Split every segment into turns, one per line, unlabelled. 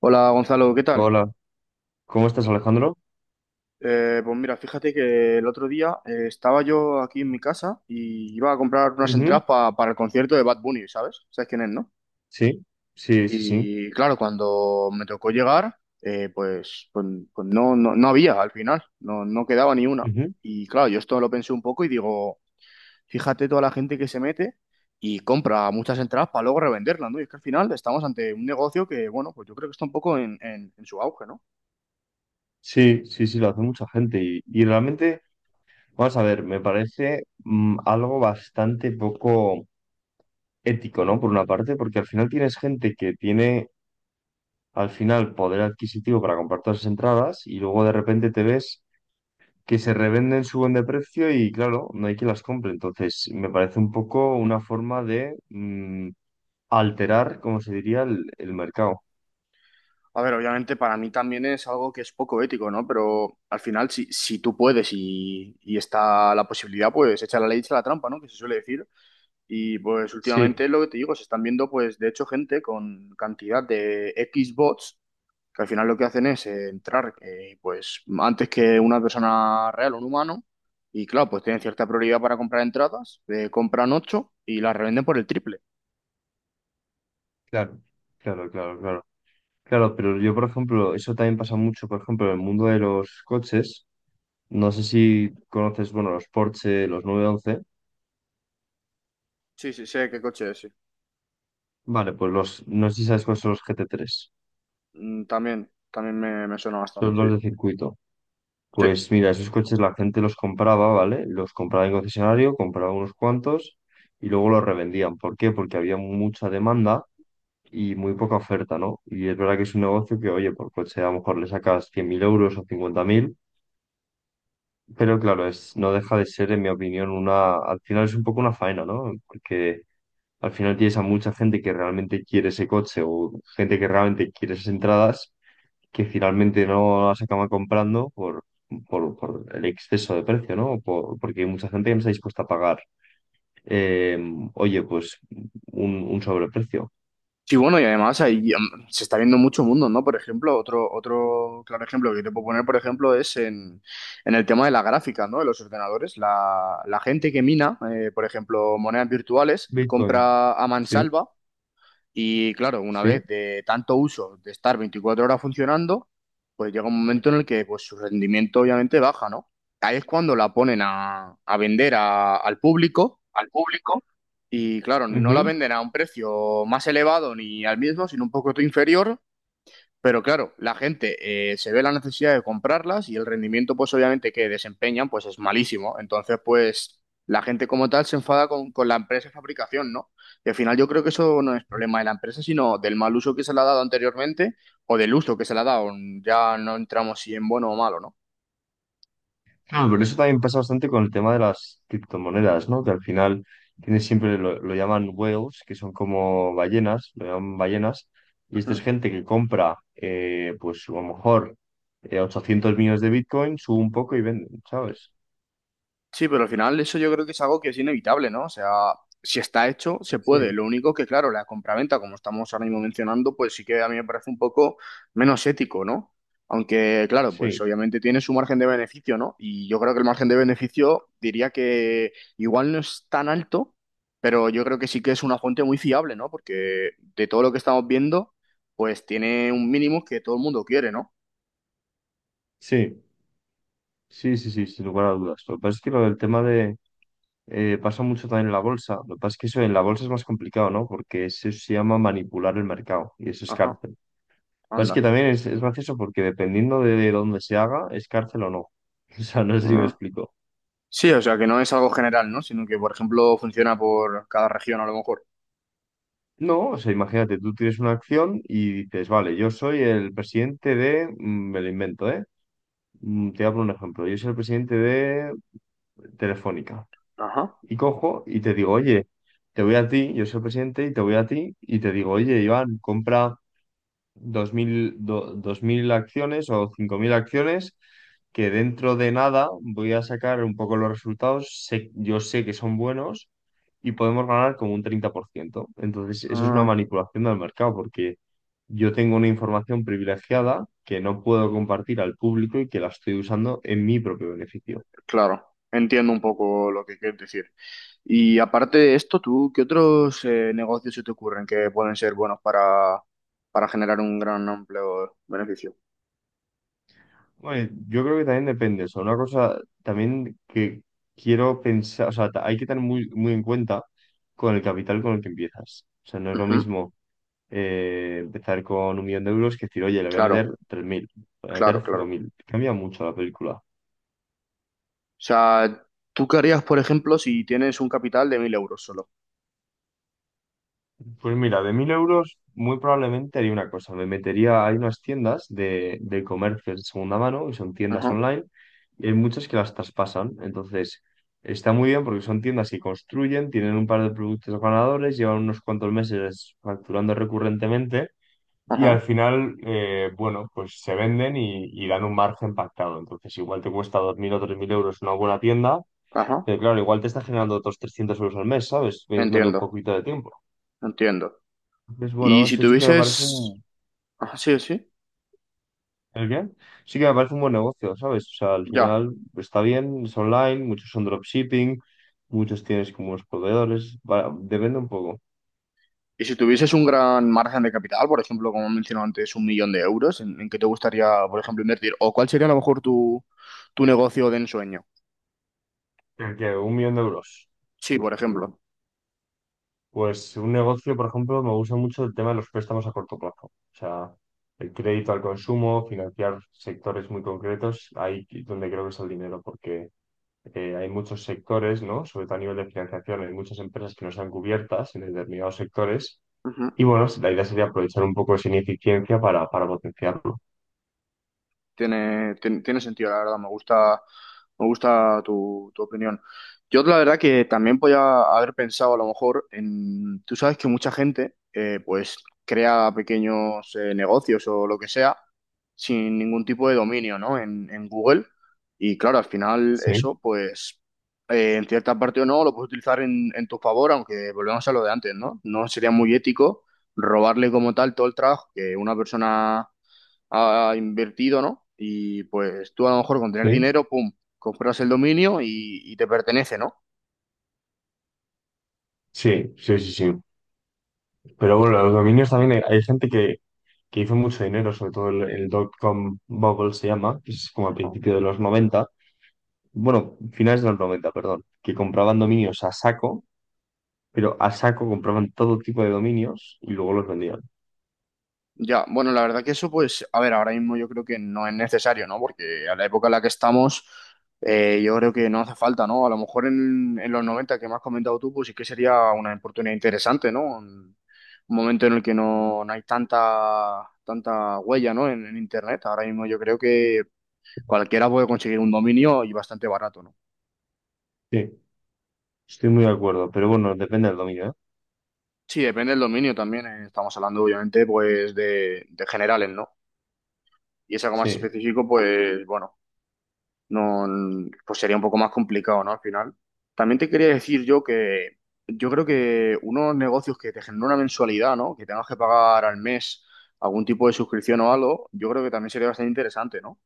Hola Gonzalo, ¿qué tal?
Hola, ¿cómo estás, Alejandro?
Pues mira, fíjate que el otro día estaba yo aquí en mi casa y iba a comprar unas
Ujú.
entradas para el concierto de Bad Bunny, ¿sabes? ¿Sabes quién es, no?
Sí, sí.
Y claro, cuando me tocó llegar, pues no, no había al final, no, no quedaba ni una.
Ujú.
Y claro, yo esto lo pensé un poco y digo, fíjate toda la gente que se mete y compra muchas entradas para luego revenderlas, ¿no? Y es que al final estamos ante un negocio que, bueno, pues yo creo que está un poco en en su auge, ¿no?
Sí, sí, sí, lo hace mucha gente. Y realmente, vamos a ver, me parece algo bastante poco ético, ¿no? Por una parte, porque al final tienes gente que tiene al final poder adquisitivo para comprar todas las entradas y luego de repente te ves que se revenden, suben de precio y claro, no hay quien las compre. Entonces, me parece un poco una forma de alterar, como se diría, el mercado.
A ver, obviamente para mí también es algo que es poco ético, ¿no? Pero al final, si tú puedes y está la posibilidad, pues echa la ley, echa la trampa, ¿no? Que se suele decir. Y pues últimamente
Sí.
lo que te digo, se están viendo, pues de hecho, gente con cantidad de X bots, que al final lo que hacen es entrar, pues antes que una persona real o un humano. Y claro, pues tienen cierta prioridad para comprar entradas, compran ocho y las revenden por el triple.
Claro, claro, claro, claro. Claro, pero yo, por ejemplo, eso también pasa mucho, por ejemplo, en el mundo de los coches. No sé si conoces, bueno, los Porsche, los nueve once.
Sí, sí, sé qué coche es, sí.
Vale, pues los, no sé si sabes cuáles son los gt tres,
Mm, también, también me suena bastante,
son
sí.
los de circuito.
Sí.
Pues mira, esos coches la gente los compraba, ¿vale? Los compraba en concesionario, compraba unos cuantos y luego los revendían. ¿Por qué? Porque había mucha demanda y muy poca oferta, ¿no? Y es verdad que es un negocio que, oye, por coche a lo mejor le sacas 100.000 euros o 50.000. Pero claro, es, no deja de ser, en mi opinión, una, al final es un poco una faena, ¿no? Porque al final tienes a mucha gente que realmente quiere ese coche o gente que realmente quiere esas entradas que finalmente no las acaba comprando por, por el exceso de precio, ¿no? Por- porque hay mucha gente que no está dispuesta a pagar, eh, oye, pues un sobreprecio.
Sí, bueno, y además ahí se está viendo mucho mundo, ¿no? Por ejemplo, otro, otro claro ejemplo que te puedo poner, por ejemplo, es en el tema de la gráfica, ¿no? De los ordenadores. La gente que mina, por ejemplo, monedas virtuales,
Bitcoin,
compra a
sí,
mansalva y, claro, una
sí.
vez de tanto uso, de estar 24 horas funcionando, pues llega un momento en el que pues, su rendimiento obviamente baja, ¿no? Ahí es cuando la ponen a vender al público y claro, no la venden a un precio más elevado ni al mismo, sino un poco inferior. Pero claro, la gente se ve la necesidad de comprarlas y el rendimiento, pues obviamente que desempeñan, pues es malísimo. Entonces, pues la gente como tal se enfada con la empresa de fabricación, ¿no? Y al final yo creo que eso no es problema de la empresa, sino del mal uso que se le ha dado anteriormente o del uso que se le ha dado. Ya no entramos si en bueno o malo, ¿no?
Claro, pero eso también pasa bastante con el tema de las criptomonedas, ¿no? Que al final tienes siempre, lo llaman whales, que son como ballenas, lo llaman ballenas, y esta es
Ujú.
gente que compra, pues a lo mejor 800 millones de Bitcoin, sube un poco y venden, ¿sabes?
Sí, pero al final eso yo creo que es algo que es inevitable, ¿no? O sea, si está hecho, se puede.
Sí,
Lo único que, claro, la compraventa, como estamos ahora mismo mencionando, pues sí que a mí me parece un poco menos ético, ¿no? Aunque, claro, pues
sí,
obviamente tiene su margen de beneficio, ¿no? Y yo creo que el margen de beneficio diría que igual no es tan alto, pero yo creo que sí que es una fuente muy fiable, ¿no? Porque de todo lo que estamos viendo, pues tiene un mínimo que todo el mundo quiere, ¿no?
sí, sí sin lugar a dudas. Lo que pasa es que lo del tema de… pasa mucho también en la bolsa. Lo que pasa es que eso en la bolsa es más complicado, ¿no? Porque eso se llama manipular el mercado y eso es
Ajá,
cárcel. Pues es que
anda.
también es gracioso porque dependiendo de dónde se haga, es cárcel o no. O sea, no sé si me
Ah.
explico.
Sí, o sea, que no es algo general, ¿no? Sino que, por ejemplo, funciona por cada región a lo mejor.
No, o sea, imagínate, tú tienes una acción y dices, vale, yo soy el presidente de, me lo invento, ¿eh? Te hablo un ejemplo, yo soy el presidente de Telefónica.
Ajá.
Y cojo y te digo, oye, te voy a ti, yo soy el presidente y te voy a ti y te digo, oye, Iván, compra 2.000 acciones o 5.000 acciones, que dentro de nada voy a sacar un poco los resultados. Sé- yo sé que son buenos y podemos ganar como un 30%. Entonces, eso es una
Ah,
manipulación del mercado porque yo tengo una información privilegiada que no puedo compartir al público y que la estoy usando en mi propio beneficio.
claro. Entiendo un poco lo que quieres decir. Y aparte de esto, ¿tú qué otros negocios se te ocurren que pueden ser buenos para generar un gran amplio beneficio?
Bueno, yo creo que también depende. O sea, una cosa también que quiero pensar, o sea, ta- hay que tener muy, muy en cuenta con el capital con el que empiezas. O sea, no es lo
Ujú.
mismo empezar con un millón de euros que decir, oye, le voy a meter
Claro,
3.000, le voy a meter
claro,
cinco
claro.
mil Cambia mucho la película.
O sea, ¿tú qué harías, por ejemplo, si tienes un capital de 1.000 euros solo?
Pues mira, de 1.000 euros muy probablemente haría una cosa. Me metería, hay unas tiendas de comercio de segunda mano, y son tiendas
Ajá,
online, y hay muchas que las traspasan. Entonces, está muy bien porque son tiendas que construyen, tienen un par de productos ganadores, llevan unos cuantos meses facturando recurrentemente, y al
ajá,
final, bueno, pues se venden y dan un margen pactado. Entonces, igual te cuesta 2.000 o 3.000 euros una buena tienda,
ajá.
pero claro, igual te está generando otros 300 euros al mes, ¿sabes? Metiéndole un
Entiendo,
poquito de tiempo.
entiendo.
Pues
Y
bueno,
si
eso sí que me parece
tuvieses...
un…
Ajá, sí, sí.
¿El qué? Sí que me parece un buen negocio, ¿sabes? O sea, al
Ya.
final está bien, es online, muchos son dropshipping, muchos tienes como unos proveedores, va- depende un poco.
Y si tuvieses un gran margen de capital, por ejemplo, como he mencionado antes, 1.000.000 de euros, en qué te gustaría, por ejemplo, invertir? ¿O cuál sería a lo mejor tu, tu negocio de ensueño?
¿El qué? Un millón de euros.
Sí, por ejemplo.
Pues un negocio, por ejemplo, me gusta mucho el tema de los préstamos a corto plazo. O sea, el crédito al consumo, financiar sectores muy concretos, ahí es donde creo que está el dinero, porque hay muchos sectores, ¿no? Sobre todo a nivel de financiación, hay muchas empresas que no están cubiertas en determinados sectores.
Ujú.
Y bueno, la idea sería aprovechar un poco esa ineficiencia para potenciarlo.
Tiene, tiene, tiene sentido, la verdad. Me gusta tu opinión. Yo la verdad que también podía haber pensado a lo mejor en, tú sabes que mucha gente pues crea pequeños negocios o lo que sea sin ningún tipo de dominio, ¿no? En Google. Y claro, al final
Sí,
eso pues en cierta parte o no lo puedes utilizar en tu favor, aunque volvemos a lo de antes, ¿no? No sería muy ético robarle como tal todo el trabajo que una persona ha invertido, ¿no? Y pues tú a lo mejor con tener
sí.
dinero, pum, compras el dominio y te pertenece, ¿no?
Sí, sí, sí, sí. Pero bueno, los dominios también hay gente que hizo mucho dinero, sobre todo el dot-com bubble se llama, que es como a
Ajá.
principio de los noventa, bueno, finales de los 90 perdón, que compraban dominios a saco, pero a saco compraban todo tipo de dominios y luego los vendían.
Ya, bueno, la verdad que eso, pues, a ver, ahora mismo yo creo que no es necesario, ¿no? Porque a la época en la que estamos, yo creo que no hace falta, ¿no? A lo mejor en los 90 que me has comentado tú, pues sí que sería una oportunidad interesante, ¿no? Un momento en el que no, no hay tanta, tanta huella, ¿no? En Internet. Ahora mismo yo creo que cualquiera puede conseguir un dominio y bastante barato, ¿no?
Sí, estoy muy de acuerdo, pero bueno, depende del dominio, ¿eh?
Sí, depende del dominio también. Estamos hablando, obviamente, pues de generales, ¿no? Y es algo más
Sí.
específico, pues bueno, no, pues sería un poco más complicado, ¿no? Al final. También te quería decir yo que yo creo que unos negocios que te generan una mensualidad, ¿no? Que tengas que pagar al mes algún tipo de suscripción o algo, yo creo que también sería bastante interesante, ¿no?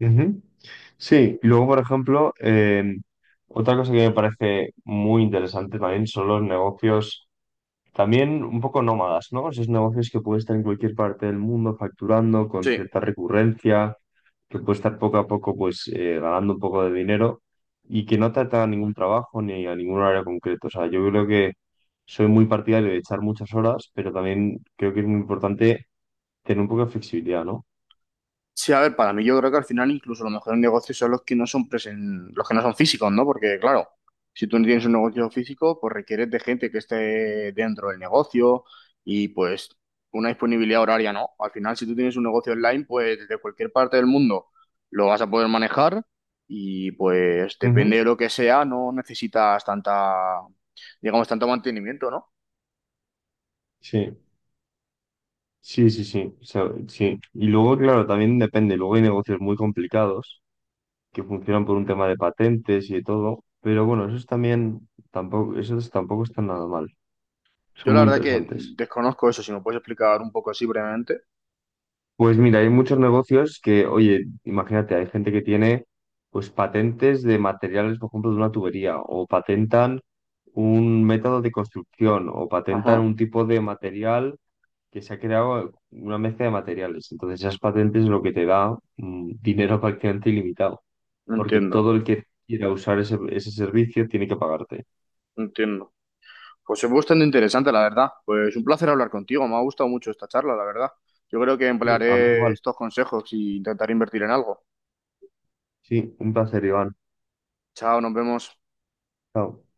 Ujú. Sí, y luego, por ejemplo, otra cosa que me parece muy interesante también son los negocios, también un poco nómadas, ¿no? Esos negocios que pueden estar en cualquier parte del mundo facturando con
Sí.
cierta recurrencia, que puede estar poco a poco pues ganando un poco de dinero y que no te atan a ningún trabajo ni a ningún área concreto. O sea, yo creo que soy muy partidario de echar muchas horas, pero también creo que es muy importante tener un poco de flexibilidad, ¿no?
Sí, a ver, para mí yo creo que al final incluso los mejores negocios son los que no son los que no son físicos, ¿no? Porque claro, si tú no tienes un negocio físico, pues requieres de gente que esté dentro del negocio y pues una disponibilidad horaria, ¿no? Al final, si tú tienes un negocio online, pues desde cualquier parte del mundo lo vas a poder manejar y pues
Ujú.
depende de lo que sea, no necesitas tanta, digamos, tanto mantenimiento, ¿no?
Sí. Sí, sí, sí, o sea, sí. Y luego, claro, también depende. Luego hay negocios muy complicados que funcionan por un tema de patentes y de todo. Pero bueno, esos también tampoco, esos tampoco están nada mal.
Yo
Son
la
muy
verdad que
interesantes.
desconozco eso, si me puedes explicar un poco así brevemente.
Pues mira, hay muchos negocios que, oye, imagínate, hay gente que tiene pues patentes de materiales, por ejemplo, de una tubería, o patentan un método de construcción, o patentan
Ajá,
un tipo de material que se ha creado una mezcla de materiales. Entonces, esas patentes es lo que te da dinero prácticamente ilimitado, porque
entiendo,
todo el que quiera usar ese, ese servicio tiene que pagarte.
entiendo. Pues es bastante interesante, la verdad. Pues un placer hablar contigo. Me ha gustado mucho esta charla, la verdad. Yo creo que
Sí, a mí
emplearé
igual.
estos consejos y intentaré invertir en algo.
Sí, un placer, Iván.
Chao, nos vemos.
Chao.